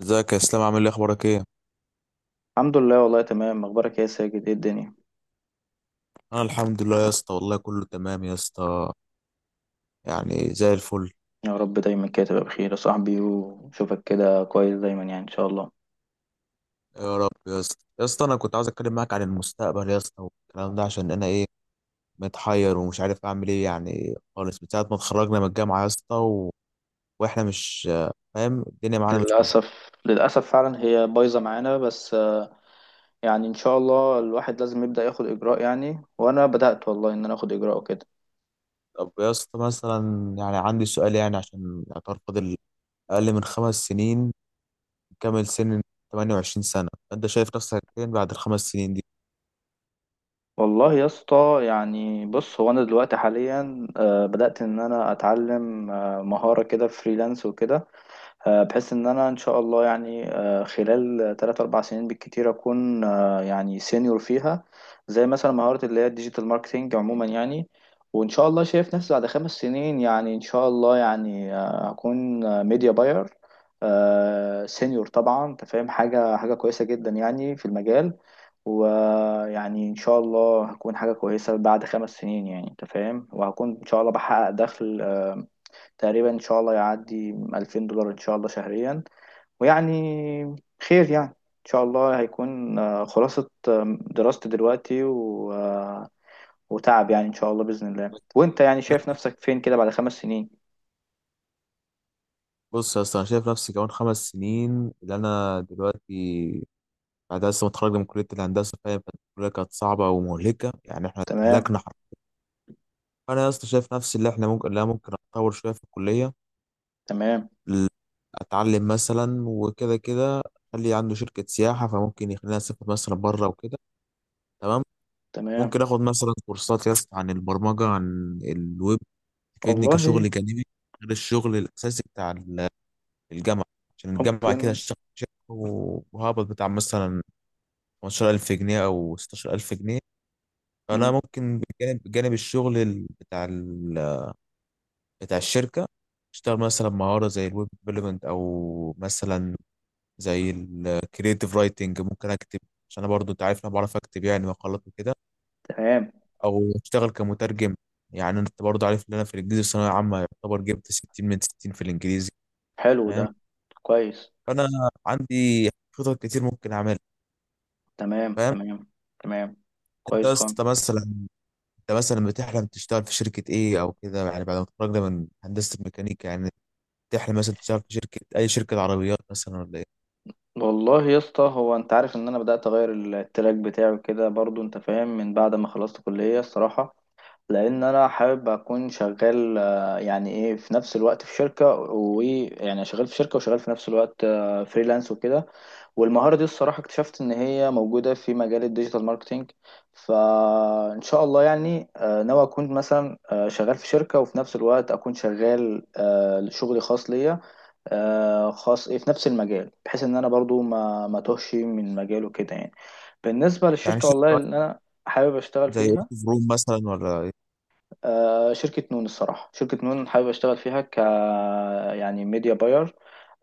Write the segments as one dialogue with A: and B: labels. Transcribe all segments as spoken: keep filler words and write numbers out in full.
A: ازيك يا اسلام، عامل ايه، اخبارك ايه؟
B: الحمد لله، والله تمام. اخبارك إيه يا ساجد؟ ايه الدنيا؟
A: انا الحمد لله يا اسطى، والله كله تمام يا اسطى، يعني زي الفل.
B: يا رب دايما كده تبقى بخير يا صاحبي، وشوفك كده كويس دايما يعني ان شاء الله.
A: يا رب يا اسطى، يا اسطى انا كنت عاوز اتكلم معاك عن المستقبل يا اسطى، والكلام ده عشان انا ايه، متحير ومش عارف اعمل ايه يعني خالص، من ساعه ما اتخرجنا من الجامعه يا اسطى و... واحنا مش فاهم الدنيا معانا مش مظبوطه.
B: للاسف للاسف فعلا هي بايظه معانا بس آه، يعني ان شاء الله الواحد لازم يبدا ياخد اجراء يعني، وانا بدات والله ان انا اخد اجراء وكده.
A: طب يا اسطى، مثلا يعني عندي سؤال، يعني عشان اعتبر فاضل اقل من خمس سنين نكمل سن ثمانية وعشرين سنه، انت شايف نفسك فين بعد الخمس سنين دي؟
B: والله يا اسطى يعني بص هو انا دلوقتي حاليا آه، بدات ان انا اتعلم آه، مهاره كده فريلانس وكده. آه، بحيث ان انا ان شاء الله يعني آه، خلال ثلاث أربعة سنين بالكتير اكون آه، يعني سينيور فيها. زي مثلا مهارة اللي هي الديجيتال ماركتينج عموما يعني. وان شاء الله شايف نفسي بعد خمس سنين يعني ان شاء الله يعني آه، هكون ميديا باير سينيور. طبعا انت فاهم، حاجة حاجة كويسة جدا يعني في المجال. ويعني ان شاء الله هكون حاجة كويسة بعد خمس سنين يعني انت فاهم، وهكون ان شاء الله بحقق دخل آه، تقريبا ان شاء الله يعدي الفين دولار ان شاء الله شهريا. ويعني خير يعني ان شاء الله هيكون آه، خلاصة آه، دراستي دلوقتي و... آه، وتعب يعني ان شاء الله بإذن الله. وانت يعني شايف نفسك فين كده بعد خمس سنين؟
A: بص يا اسطى، انا شايف نفسي كمان خمس سنين اللي انا دلوقتي بعد لسه متخرج من كليه الهندسه، فاهم؟ كانت الكليه كانت صعبه ومهلكه يعني، احنا
B: تمام
A: اتهلكنا حرفيا. فانا يا اسطى شايف نفسي اللي احنا ممكن لا ممكن اتطور شويه في الكليه،
B: تمام
A: ال- اتعلم مثلا وكده كده، خلي عنده شركه سياحه فممكن يخلينا اسافر مثلا بره وكده، تمام.
B: تمام.
A: ممكن اخد مثلا كورسات يا اسطى عن البرمجه، عن الويب، تفيدني
B: والله
A: كشغل جانبي غير الشغل الاساسي بتاع الجامعة. عشان الجامعة كده
B: ممكن.
A: هشتغل شهر وهقبض بتاع مثلا خمستاشر الف جنيه أو ستة عشر ألف جنيه، فأنا
B: مم.
A: ممكن بجانب بجانب الشغل ال- بتاع ال... بتاع الشركة، اشتغل مثلا مهارة زي الويب ديفلوبمنت، أو مثلا زي الكريتيف رايتنج، ممكن أكتب عشان أنا برضو أنت عارف أنا بعرف أكتب يعني مقالات وكده،
B: تمام.
A: أو أشتغل كمترجم. يعني أنت برضو عارف إن أنا في الإنجليزي الثانوية عامة يعتبر جبت ستين من ستين في الإنجليزي،
B: حلو ده.
A: فاهم؟
B: كويس.
A: فأنا عندي خطط كتير ممكن أعملها،
B: تمام
A: فاهم؟
B: تمام تمام.
A: انت
B: كويس
A: يا
B: خالص.
A: اسطى مثلا، انت مثلا بتحلم تشتغل في شركه ايه او كده، يعني بعد ما تتخرج من هندسه الميكانيكا، يعني تحلم مثلا تشتغل في شركه، اي شركه عربيات مثلا ولا ايه؟
B: والله يا اسطى هو انت عارف ان انا بدأت اغير التراك بتاعي كده برضو انت فاهم، من بعد ما خلصت كلية الصراحة. لان انا حابب اكون شغال آه، يعني ايه في نفس الوقت في شركة، ويعني شغال في شركة وشغال في نفس الوقت آه، فريلانس وكده. والمهارة دي الصراحة اكتشفت ان هي موجودة في مجال الديجيتال ماركتينج. فان شاء الله يعني آه، ناوي اكون مثلا آه، شغال في شركة، وفي نفس الوقت اكون شغال آه، شغلي خاص ليا آه، خاص إيه، في نفس المجال، بحيث ان انا برضو ما ما توهش من مجاله كده يعني. بالنسبه
A: يعني
B: للشركه، والله
A: شركه
B: اللي انا حابب اشتغل
A: زي
B: فيها
A: اوتو فروم مثلا ولا ايه؟
B: آه، شركه نون. الصراحه شركه نون حابب اشتغل فيها ك يعني ميديا باير،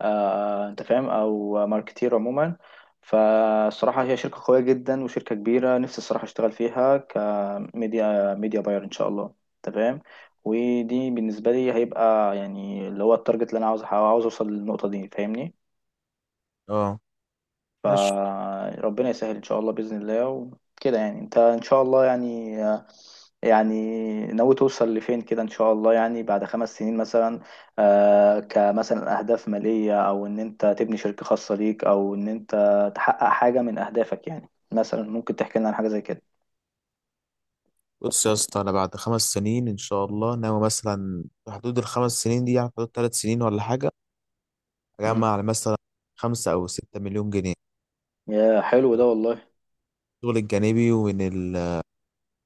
B: آه، انت فاهم، او ماركتير عموما. فالصراحه هي شركه قويه جدا وشركه كبيره. نفسي الصراحه اشتغل فيها كميديا ميديا باير ان شاء الله انت فاهم. ودي بالنسبه لي هيبقى يعني اللي هو التارجت اللي انا عاوز عاوز اوصل للنقطه دي فاهمني.
A: اه، ماشي.
B: فربنا يسهل ان شاء الله باذن الله. وكده يعني انت ان شاء الله يعني يعني ناوي توصل لفين كده ان شاء الله؟ يعني بعد خمس سنين مثلا آه، كمثلا اهداف ماليه، او ان انت تبني شركه خاصه ليك، او ان انت تحقق حاجه من اهدافك يعني. مثلا ممكن تحكي لنا عن حاجه زي كده؟
A: بص يا اسطى، انا بعد خمس سنين ان شاء الله ناوي مثلا في حدود الخمس سنين دي، يعني في حدود ثلاث سنين ولا حاجه،
B: مم.
A: اجمع على مثلا خمسة او ستة مليون جنيه،
B: يا حلو ده
A: طبعاً،
B: والله.
A: من الشغل الجانبي ومن ال...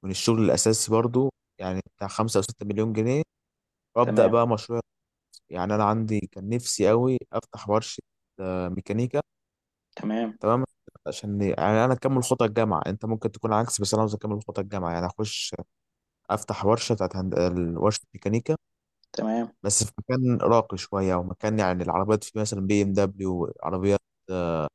A: من الشغل الاساسي برضو، يعني بتاع خمسة او ستة مليون جنيه، وابدا
B: تمام
A: بقى مشروع. يعني انا عندي كان نفسي قوي افتح ورشه آه، ميكانيكا،
B: تمام
A: تمام. عشان يعني انا اكمل خطى الجامعه، انت ممكن تكون عكس بس انا عاوز اكمل خطى الجامعه، يعني اخش افتح ورشه بتاعت هند... ال- ورشه ميكانيكا،
B: تمام.
A: بس في مكان راقي شويه، او مكان يعني العربيات فيه مثلا بي ام دبليو، عربيات آه،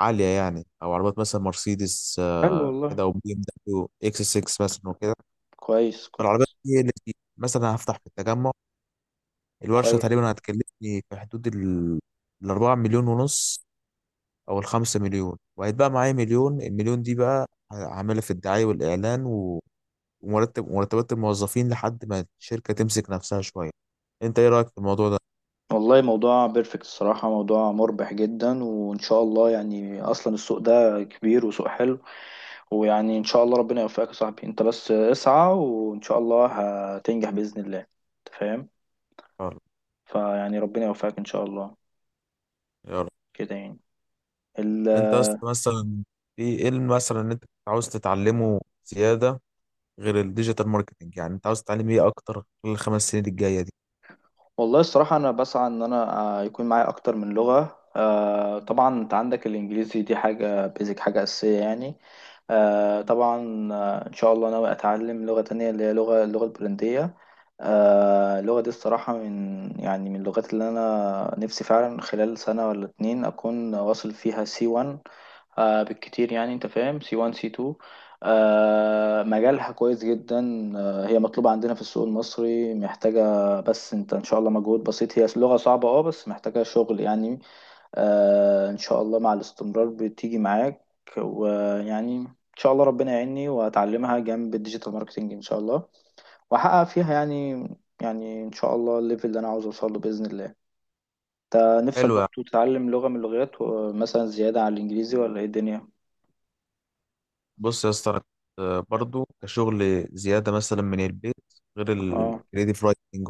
A: عاليه يعني، او عربيات مثلا مرسيدس
B: حلو
A: آه،
B: والله.
A: كده، او بي ام دبليو اكس سكس مثلا وكده.
B: كويس
A: فالعربيات
B: كويس
A: دي اللي فيه، مثلا هفتح في التجمع. الورشه
B: كويس.
A: تقريبا هتكلفني في حدود ال الأربعة مليون ونص او الخمسة مليون، وهيتبقى معايا مليون، المليون دي بقى هعملها في الدعاية والاعلان و- ومرتب مرتبات الموظفين لحد ما الشركة تمسك نفسها شوية. انت ايه رأيك في الموضوع ده؟
B: والله موضوع بيرفكت الصراحة، موضوع مربح جدا، وإن شاء الله يعني أصلا السوق ده كبير وسوق حلو. ويعني إن شاء الله ربنا يوفقك يا صاحبي. أنت بس اسعى وإن شاء الله هتنجح بإذن الله أنت فاهم.
A: يلا،
B: فيعني ربنا يوفقك إن شاء الله
A: يلا.
B: كده يعني ال...
A: انت أصلاً مثلا، في ايه اللي مثلا ان انت عاوز تتعلمه زيادة غير الديجيتال ماركتنج، يعني انت عاوز تتعلم ايه اكتر خلال الخمس سنين الجاية دي؟
B: والله الصراحة أنا بسعى إن أنا آه، يكون معايا أكتر من لغة. آه، طبعا أنت عندك الإنجليزي، دي حاجة بيزك، حاجة أساسية يعني. آه طبعا آه، ان شاء الله ناوي اتعلم لغة تانية اللي هي لغة اللغة البولندية. آه اللغة دي الصراحة من يعني من اللغات اللي انا نفسي فعلا خلال سنة ولا اتنين اكون واصل فيها سي وان آه بالكتير يعني انت فاهم، سي وان سي اتنين. آه مجالها كويس جدا. آه هي مطلوبة عندنا في السوق المصري محتاجة، بس انت ان شاء الله مجهود بسيط، هي لغة صعبة اه بس محتاجة شغل يعني. آه ان شاء الله مع الاستمرار بتيجي معاك. ويعني ان شاء الله ربنا يعيني واتعلمها جنب الديجيتال ماركتنج ان شاء الله، واحقق فيها يعني. يعني ان شاء الله الليفل اللي انا عاوز اوصل له باذن الله. انت نفسك
A: حلو يعني.
B: برضه تتعلم لغه من اللغات ومثلا زياده على الانجليزي؟ ولا ايه الدنيا؟
A: بص يا اسطى، أنا كنت آه، برضو كشغل زيادة مثلا من البيت غير
B: اه.
A: الكريديف رايتنج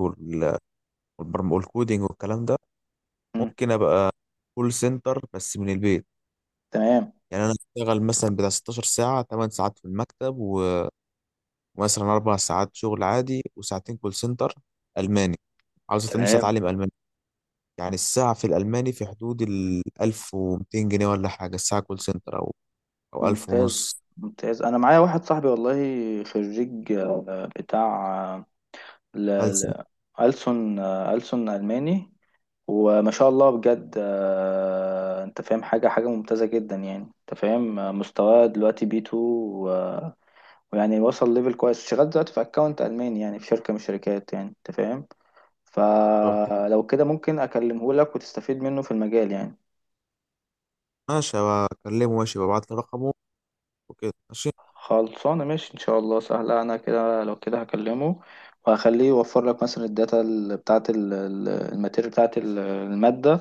A: والكودينج والكلام ده،
B: مم.
A: ممكن ابقى كول سنتر بس من البيت،
B: تمام
A: يعني انا اشتغل مثلا بتاع ستاشر ساعه، 8 ساعات في المكتب و- ومثلا 4 ساعات شغل عادي، وساعتين كول سنتر الماني. عاوز أت- نفسي
B: تمام.
A: اتعلم الماني. يعني الساعه في الالماني في حدود ال ألف ومائتين جنيه ولا حاجه الساعه كول سنتر، او او ألف
B: ممتاز
A: ونص.
B: ممتاز. انا معايا واحد صاحبي والله خريج آه، بتاع آه، ل...
A: ألسن.
B: ل... ألسن آه، ألسن ألماني. وما شاء الله بجد آه، انت فاهم، حاجة حاجة ممتازة جدا يعني. انت فاهم آه، مستواه دلوقتي بي تو و- ويعني وصل ليفل كويس. شغال دلوقتي في اكونت الماني يعني في شركة من الشركات يعني انت فاهم.
A: طب حلو.
B: فلو كده ممكن اكلمه لك، وتستفيد منه في المجال يعني.
A: ماشي، بكلمه، ماشي، ببعت له رقمه وكده، ماشي.
B: خلصانة ماشي إن شاء الله سهلة. أنا كده لو كده هكلمه، وهخليه يوفر لك مثلا الداتا ال- بتاعة ال- ال- الماتيريال بتاعة ال- المادة.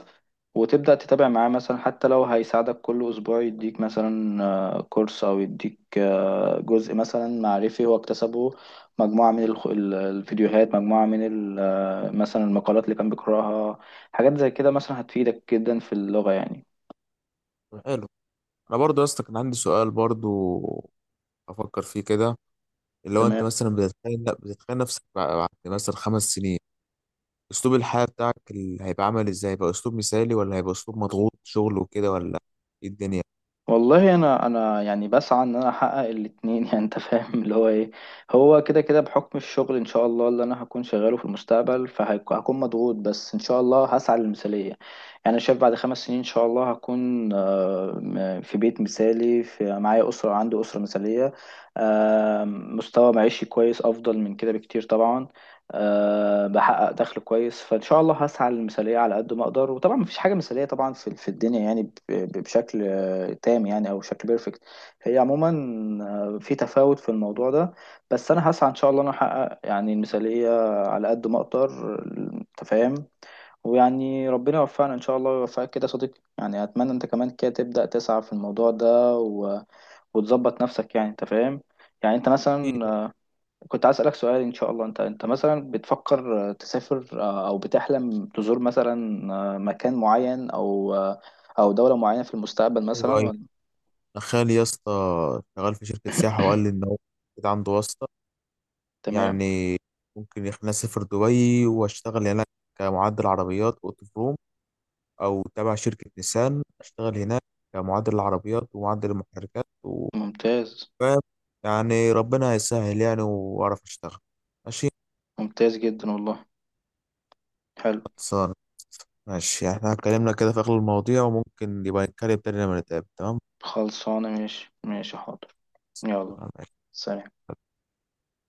B: وتبدأ تتابع معاه مثلا حتى لو هيساعدك كل أسبوع يديك مثلا آه، كورس أو يديك آه، جزء مثلا معرفي هو اكتسبه. مجموعة من الخ- ال- الفيديوهات، مجموعة من ال- آه، مثلا المقالات اللي كان بيقرأها. حاجات زي كده مثلا هتفيدك جدا في اللغة يعني.
A: طب حلو، انا برضو يا اسطى كان عندي سؤال برضو افكر فيه كده، اللي هو انت
B: تمام.
A: مثلا بتتخيل بتتخيل نفسك بعد مثلا خمس سنين، اسلوب الحياة بتاعك ال- هيبقى عامل ازاي؟ هيبقى اسلوب مثالي ولا هيبقى اسلوب مضغوط شغل وكده، ولا ايه الدنيا؟
B: والله انا انا يعني بسعى ان انا احقق الاتنين يعني انت فاهم اللي هو ايه. هو كده كده بحكم الشغل ان شاء الله اللي انا هكون شغاله في المستقبل، فهكون مضغوط، بس ان شاء الله هسعى للمثالية يعني. انا شايف بعد خمس سنين ان شاء الله هكون آه، م- في بيت مثالي، في معايا اسرة، عندي اسرة مثالية. آه، مستوى معيشي كويس افضل من كده بكتير طبعا. أه بحقق دخل كويس، فإن شاء الله هسعى للمثالية على قد ما أقدر. وطبعا مفيش حاجة مثالية طبعا في في الدنيا يعني ب- ب- بشكل آه، تام يعني، أو شكل بيرفكت. هي عموما آه، في تفاوت في الموضوع ده، بس أنا هسعى إن شاء الله إن أنا أحقق يعني المثالية على قد ما أقدر. أنت فاهم. ويعني ربنا يوفقنا إن شاء الله ويوفقك كده يا صديقي يعني. أتمنى أنت كمان كده تبدأ تسعى في الموضوع ده و... وتظبط نفسك يعني، أنت فاهم. يعني انت
A: أكيد.
B: مثلا كنت عايز أسألك سؤال إن شاء الله. أنت أنت مثلا بتفكر آه، تسافر، آه، أو بتحلم تزور مثلا آه، مكان معين أو آه، أو دولة معينة في المستقبل
A: ايوه،
B: مثلا
A: ايوه،
B: ولا؟
A: أنا خالي يا اسطى شغال في شركة سياحة، وقال لي ان هو كده عنده واسطة،
B: تمام.
A: يعني ممكن يخليني اسافر دبي واشتغل هناك كمعدل عربيات اوتو بروم، او تابع شركة نيسان اشتغل هناك كمعدل عربيات ومعدل المحركات و...
B: ممتاز
A: فاهم؟ يعني ربنا هيسهل يعني، واعرف اشتغل.
B: ممتاز جدا والله. حلو.
A: ماشي، ماشي، يعني احنا اتكلمنا كده في اغلب المواضيع، وممكن يبقى نتكلم تاني لما نتقابل، تمام.
B: خلصانة ماشي. ماشي حاضر. يلا.
A: ماشي.
B: سلام.